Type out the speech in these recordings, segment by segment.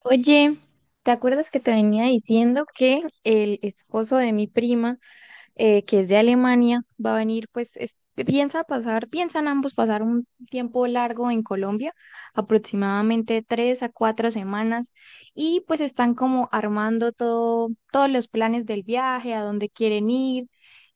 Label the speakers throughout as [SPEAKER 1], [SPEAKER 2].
[SPEAKER 1] Oye, ¿te acuerdas que te venía diciendo que el esposo de mi prima, que es de Alemania, va a venir, pues piensa pasar, piensan ambos pasar un tiempo largo en Colombia, aproximadamente tres a cuatro semanas, y pues están como armando todo, todos los planes del viaje, a dónde quieren ir,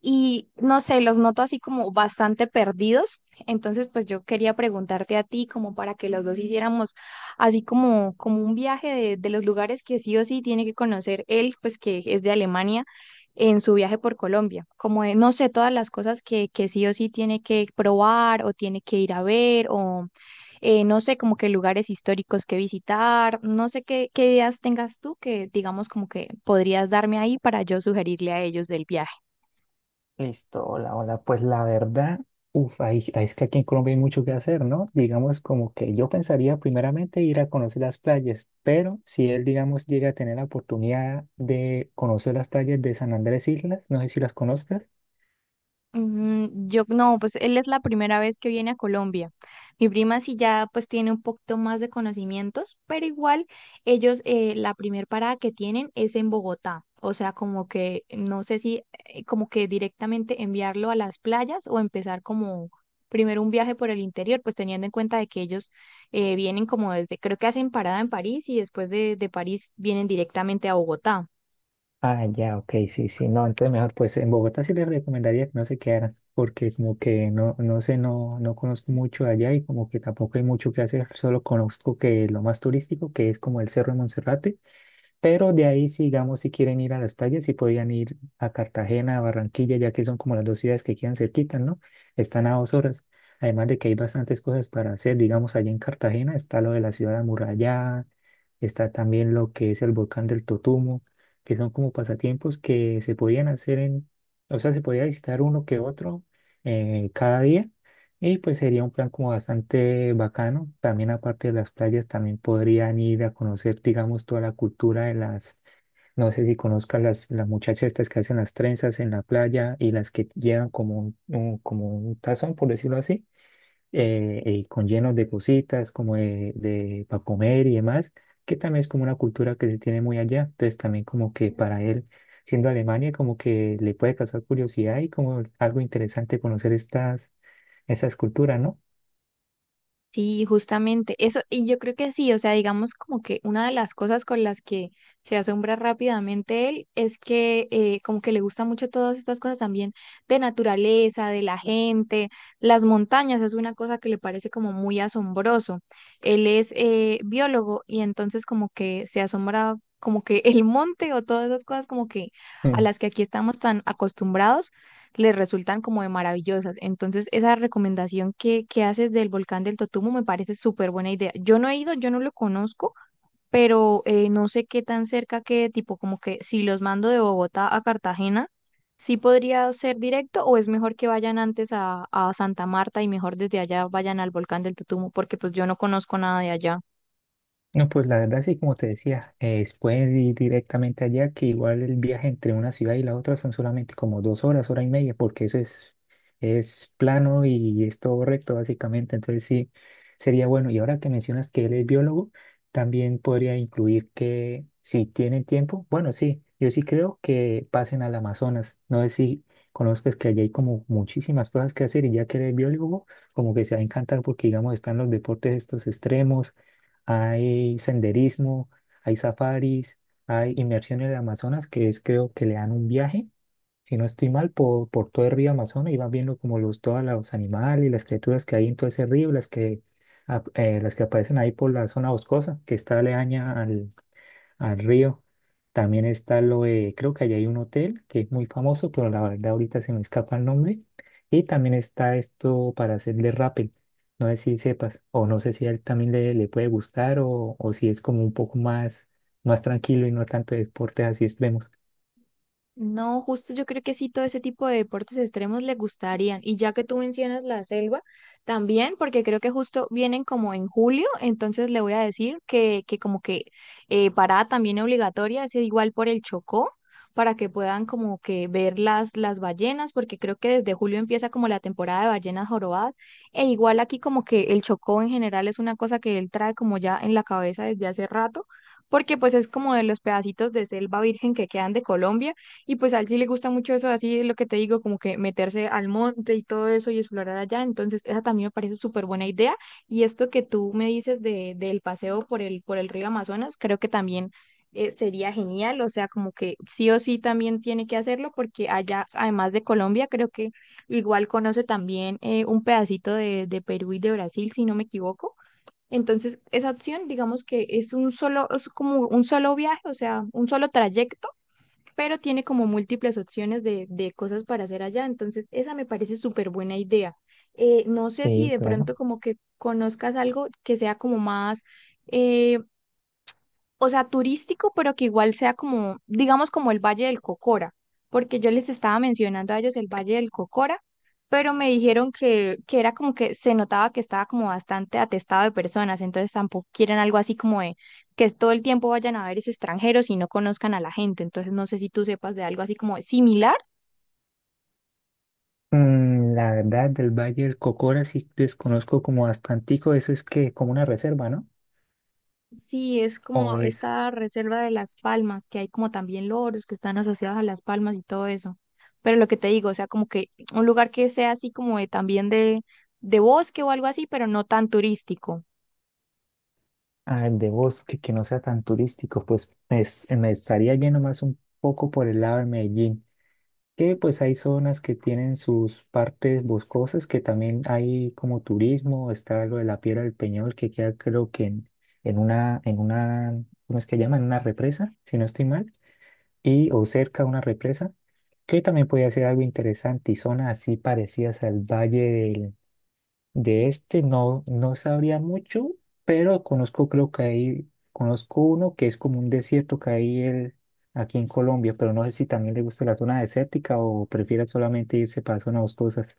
[SPEAKER 1] y no sé, los noto así como bastante perdidos? Entonces, pues yo quería preguntarte a ti como para que los dos hiciéramos así como, como un viaje de los lugares que sí o sí tiene que conocer él, pues que es de Alemania, en su viaje por Colombia. Como de, no sé, todas las cosas que sí o sí tiene que probar o tiene que ir a ver o no sé, como que lugares históricos que visitar. No sé qué ideas tengas tú que digamos como que podrías darme ahí para yo sugerirle a ellos del viaje.
[SPEAKER 2] Listo, hola, hola. Pues la verdad, ahí es que aquí en Colombia hay mucho que hacer, ¿no? Digamos como que yo pensaría primeramente ir a conocer las playas, pero si él, digamos, llega a tener la oportunidad de conocer las playas de San Andrés Islas, no sé si las conozcas.
[SPEAKER 1] Mm, yo no, pues él es la primera vez que viene a Colombia. Mi prima sí ya pues tiene un poquito más de conocimientos, pero igual ellos la primer parada que tienen es en Bogotá. O sea, como que no sé si como que directamente enviarlo a las playas o empezar como primero un viaje por el interior, pues teniendo en cuenta de que ellos vienen como desde, creo que hacen parada en París y después de París vienen directamente a Bogotá.
[SPEAKER 2] Ah, ya, ok, sí, sí, no, entonces mejor, pues en Bogotá sí les recomendaría que no se quedaran, porque como que no, no sé, no, no conozco mucho allá y como que tampoco hay mucho que hacer, solo conozco que lo más turístico, que es como el Cerro de Monserrate. Pero de ahí, sigamos, si quieren ir a las playas, si podían ir a Cartagena, a Barranquilla, ya que son como las dos ciudades que quedan cerquitas, ¿no? Están a dos horas. Además de que hay bastantes cosas para hacer, digamos, allá en Cartagena está lo de la ciudad amurallada, está también lo que es el volcán del Totumo, que son como pasatiempos que se podían hacer en, o sea, se podía visitar uno que otro cada día y pues sería un plan como bastante bacano. También aparte de las playas, también podrían ir a conocer, digamos, toda la cultura de las, no sé si conozcas las muchachas estas que hacen las trenzas en la playa y las que llevan como como un tazón, por decirlo así, con llenos de cositas, como de para comer y demás, que también es como una cultura que se tiene muy allá. Entonces también como que para él, siendo Alemania, como que le puede causar curiosidad y como algo interesante conocer estas culturas, ¿no?
[SPEAKER 1] Sí, justamente eso, y yo creo que sí, o sea, digamos como que una de las cosas con las que se asombra rápidamente él es que como que le gusta mucho todas estas cosas también de naturaleza, de la gente, las montañas es una cosa que le parece como muy asombroso. Él es biólogo y entonces como que se asombra como que el monte o todas esas cosas como que a
[SPEAKER 2] Mm.
[SPEAKER 1] las que aquí estamos tan acostumbrados les resultan como de maravillosas. Entonces, esa recomendación que haces del volcán del Totumo me parece súper buena idea. Yo no he ido, yo no lo conozco, pero no sé qué tan cerca que, tipo, como que si los mando de Bogotá a Cartagena, sí podría ser directo o es mejor que vayan antes a Santa Marta y mejor desde allá vayan al volcán del Totumo, porque pues yo no conozco nada de allá.
[SPEAKER 2] No, pues la verdad sí, como te decía, puedes ir directamente allá, que igual el viaje entre una ciudad y la otra son solamente como dos horas, hora y media, porque eso es plano y es todo recto básicamente, entonces sí, sería bueno. Y ahora que mencionas que él es biólogo, también podría incluir que si tienen tiempo, bueno, sí, yo sí creo que pasen al Amazonas, no sé si conozcas que allá hay como muchísimas cosas que hacer y ya que eres biólogo, como que se va a encantar porque digamos están los deportes estos extremos, hay senderismo, hay safaris, hay inmersión en el Amazonas, que es creo que le dan un viaje, si no estoy mal, por todo el río Amazonas y van viendo como los, todos los animales y las criaturas que hay en todo ese río, las que, las que aparecen ahí por la zona boscosa, que está aledaña al río. También está lo de, creo que allá hay un hotel que es muy famoso, pero la verdad ahorita se me escapa el nombre. Y también está esto para hacerle rappel. No sé si sepas, o no sé si a él también le puede gustar, o si es como un poco más, más tranquilo y no tanto de deportes así extremos.
[SPEAKER 1] No, justo yo creo que sí, todo ese tipo de deportes extremos le gustarían. Y ya que tú mencionas la selva, también, porque creo que justo vienen como en julio, entonces le voy a decir que como que parada también obligatoria, es igual por el Chocó, para que puedan como que ver las ballenas, porque creo que desde julio empieza como la temporada de ballenas jorobadas. E igual aquí como que el Chocó en general es una cosa que él trae como ya en la cabeza desde hace rato, porque pues es como de los pedacitos de selva virgen que quedan de Colombia y pues a él sí le gusta mucho eso, así es lo que te digo, como que meterse al monte y todo eso y explorar allá. Entonces, esa también me parece súper buena idea. Y esto que tú me dices de, del paseo por el río Amazonas, creo que también sería genial. O sea, como que sí o sí también tiene que hacerlo porque allá, además de Colombia, creo que igual conoce también un pedacito de Perú y de Brasil, si no me equivoco. Entonces, esa opción, digamos que es un solo, es como un solo viaje, o sea, un solo trayecto, pero tiene como múltiples opciones de cosas para hacer allá. Entonces, esa me parece súper buena idea. No sé si
[SPEAKER 2] Sí,
[SPEAKER 1] de
[SPEAKER 2] claro.
[SPEAKER 1] pronto como que conozcas algo que sea como más eh, o sea, turístico, pero que igual sea como, digamos, como el Valle del Cocora, porque yo les estaba mencionando a ellos el Valle del Cocora, pero me dijeron que era como que se notaba que estaba como bastante atestado de personas, entonces tampoco quieren algo así como de que todo el tiempo vayan a ver esos extranjeros y no conozcan a la gente, entonces no sé si tú sepas de algo así como similar.
[SPEAKER 2] Mm, la verdad, del Valle del Cocora sí desconozco como bastantico, eso es que como una reserva, ¿no?
[SPEAKER 1] Sí, es
[SPEAKER 2] O
[SPEAKER 1] como
[SPEAKER 2] es
[SPEAKER 1] esta reserva de las palmas, que hay como también loros que están asociados a las palmas y todo eso. Pero lo que te digo, o sea, como que un lugar que sea así como de, también de bosque o algo así, pero no tan turístico.
[SPEAKER 2] ah, de bosque que no sea tan turístico, pues es- me estaría yendo más un poco por el lado de Medellín, que pues hay zonas que tienen sus partes boscosas, que también hay como turismo, está lo de la Piedra del Peñol, que queda creo que en, en una, ¿cómo es que llama? En una represa, si no estoy mal, y o cerca de una represa, que también podría ser algo interesante, y zonas así parecidas al Valle de este no, no sabría mucho, pero conozco, creo que hay, conozco uno que es como un desierto que hay el- aquí en Colombia, pero no sé si también le gusta la zona desértica o prefiera solamente irse para zonas boscosas.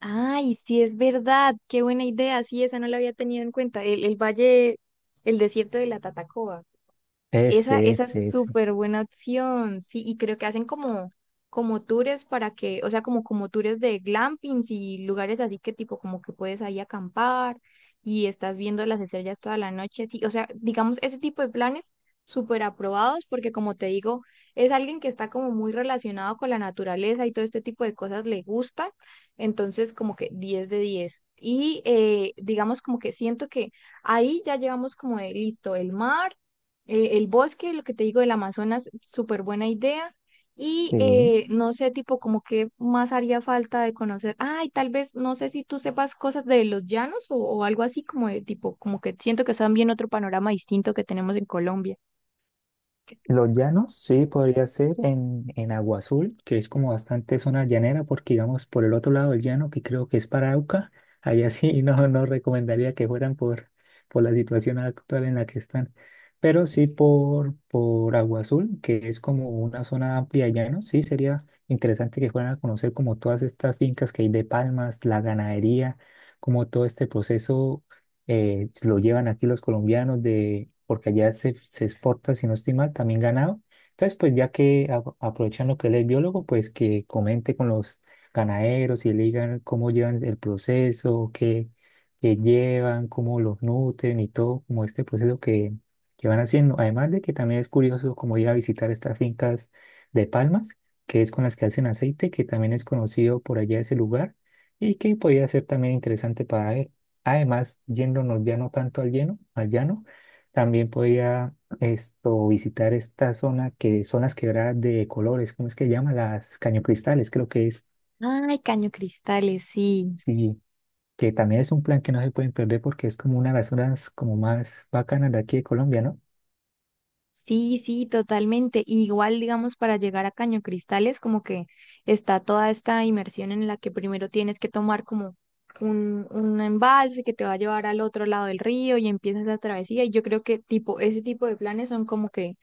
[SPEAKER 1] Ay, sí, es verdad, qué buena idea, sí, esa no la había tenido en cuenta, el valle, el desierto de la Tatacoa. Esa,
[SPEAKER 2] Ese,
[SPEAKER 1] esa es
[SPEAKER 2] ese, ese.
[SPEAKER 1] súper buena opción, sí, y creo que hacen como, como tours para que, o sea, como, como tours de glampings y lugares así que tipo como que puedes ahí acampar y estás viendo las estrellas toda la noche, sí, o sea, digamos, ese tipo de planes súper aprobados porque como te digo, es alguien que está como muy relacionado con la naturaleza y todo este tipo de cosas le gusta, entonces como que 10 de 10. Y digamos como que siento que ahí ya llevamos como de listo el mar, el bosque, lo que te digo del Amazonas, súper buena idea. Y
[SPEAKER 2] Sí.
[SPEAKER 1] no sé, tipo, como qué más haría falta de conocer. Ay, tal vez, no sé si tú sepas cosas de los llanos o algo así, como de tipo, como que siento que es también otro panorama distinto que tenemos en Colombia.
[SPEAKER 2] Los llanos, sí, podría ser en Agua Azul, que es como bastante zona llanera, porque digamos por el otro lado del llano, que creo que es Parauca, allá sí no, no recomendaría que fueran por la situación actual en la que están, pero sí por Agua Azul, que es como una zona amplia de llano, sí sería interesante que fueran a conocer como todas estas fincas que hay de palmas, la ganadería, como todo este proceso lo llevan aquí los colombianos de, porque allá se exporta, si no estoy mal, también ganado. Entonces, pues ya que a- aprovechan lo que él es biólogo, pues que comente con los ganaderos y le digan cómo llevan el proceso, qué, qué llevan, cómo los nutren y todo, como este proceso que van haciendo. Además de que también es curioso como ir a visitar estas fincas de palmas, que es con las que hacen aceite, que también es conocido por allá ese lugar y que podría ser también interesante para él. Además, yéndonos ya no tanto al lleno, al llano, también podía esto, visitar esta zona que son las quebradas de colores, ¿cómo es que llama? Las cañocristales, creo que es.
[SPEAKER 1] Ay, Caño Cristales, sí.
[SPEAKER 2] Sí, que también es un plan que no se pueden perder porque es como una de las zonas como más bacanas de aquí de Colombia, ¿no?
[SPEAKER 1] Sí, sí, totalmente. Igual, digamos, para llegar a Caño Cristales, como que está toda esta inmersión en la que primero tienes que tomar como un embalse que te va a llevar al otro lado del río y empiezas la travesía. Y yo creo que tipo, ese tipo de planes son como que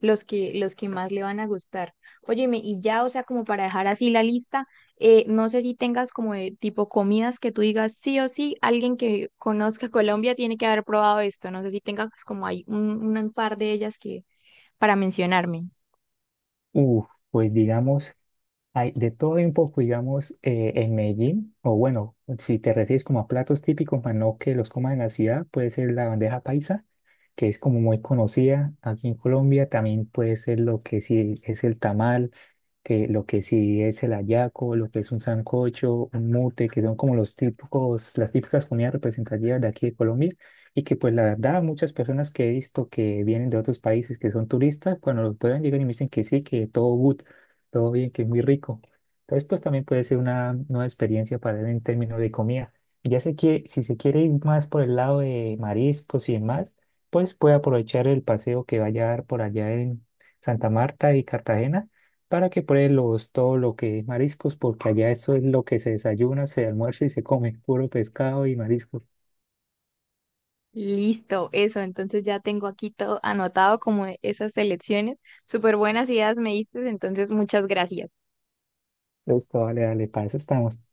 [SPEAKER 1] los que más le van a gustar. Óyeme, y ya, o sea, como para dejar así la lista. No sé si tengas como de tipo comidas que tú digas sí o sí, alguien que conozca Colombia tiene que haber probado esto. No sé si tengas como hay un par de ellas que para mencionarme.
[SPEAKER 2] Uf, pues digamos hay de todo un poco, digamos, en Medellín, o bueno, si te refieres como a platos típicos, para no que los coman en la ciudad, puede ser la bandeja paisa, que es como muy conocida aquí en Colombia, también puede ser lo que sí es el tamal, que lo que sí es el hallaco, lo que es un sancocho, un mute, que son como los típicos, las típicas comidas representativas de aquí de Colombia, y que pues la verdad muchas personas que he visto que vienen de otros países, que son turistas, cuando los prueban llegan y me dicen que sí, que todo good, todo bien, que es muy rico. Entonces, pues también puede ser una nueva experiencia para él en términos de comida. Y ya sé que si se quiere ir más por el lado de mariscos y demás, pues puede aprovechar el paseo que vaya a dar por allá en Santa Marta y Cartagena para que pruebe los, todo lo que es mariscos, porque allá eso es lo que se desayuna, se almuerza y se come, puro pescado y mariscos.
[SPEAKER 1] Listo, eso. Entonces ya tengo aquí todo anotado como de esas selecciones. Súper buenas ideas me diste, entonces muchas gracias.
[SPEAKER 2] Listo, vale, dale, para eso estamos.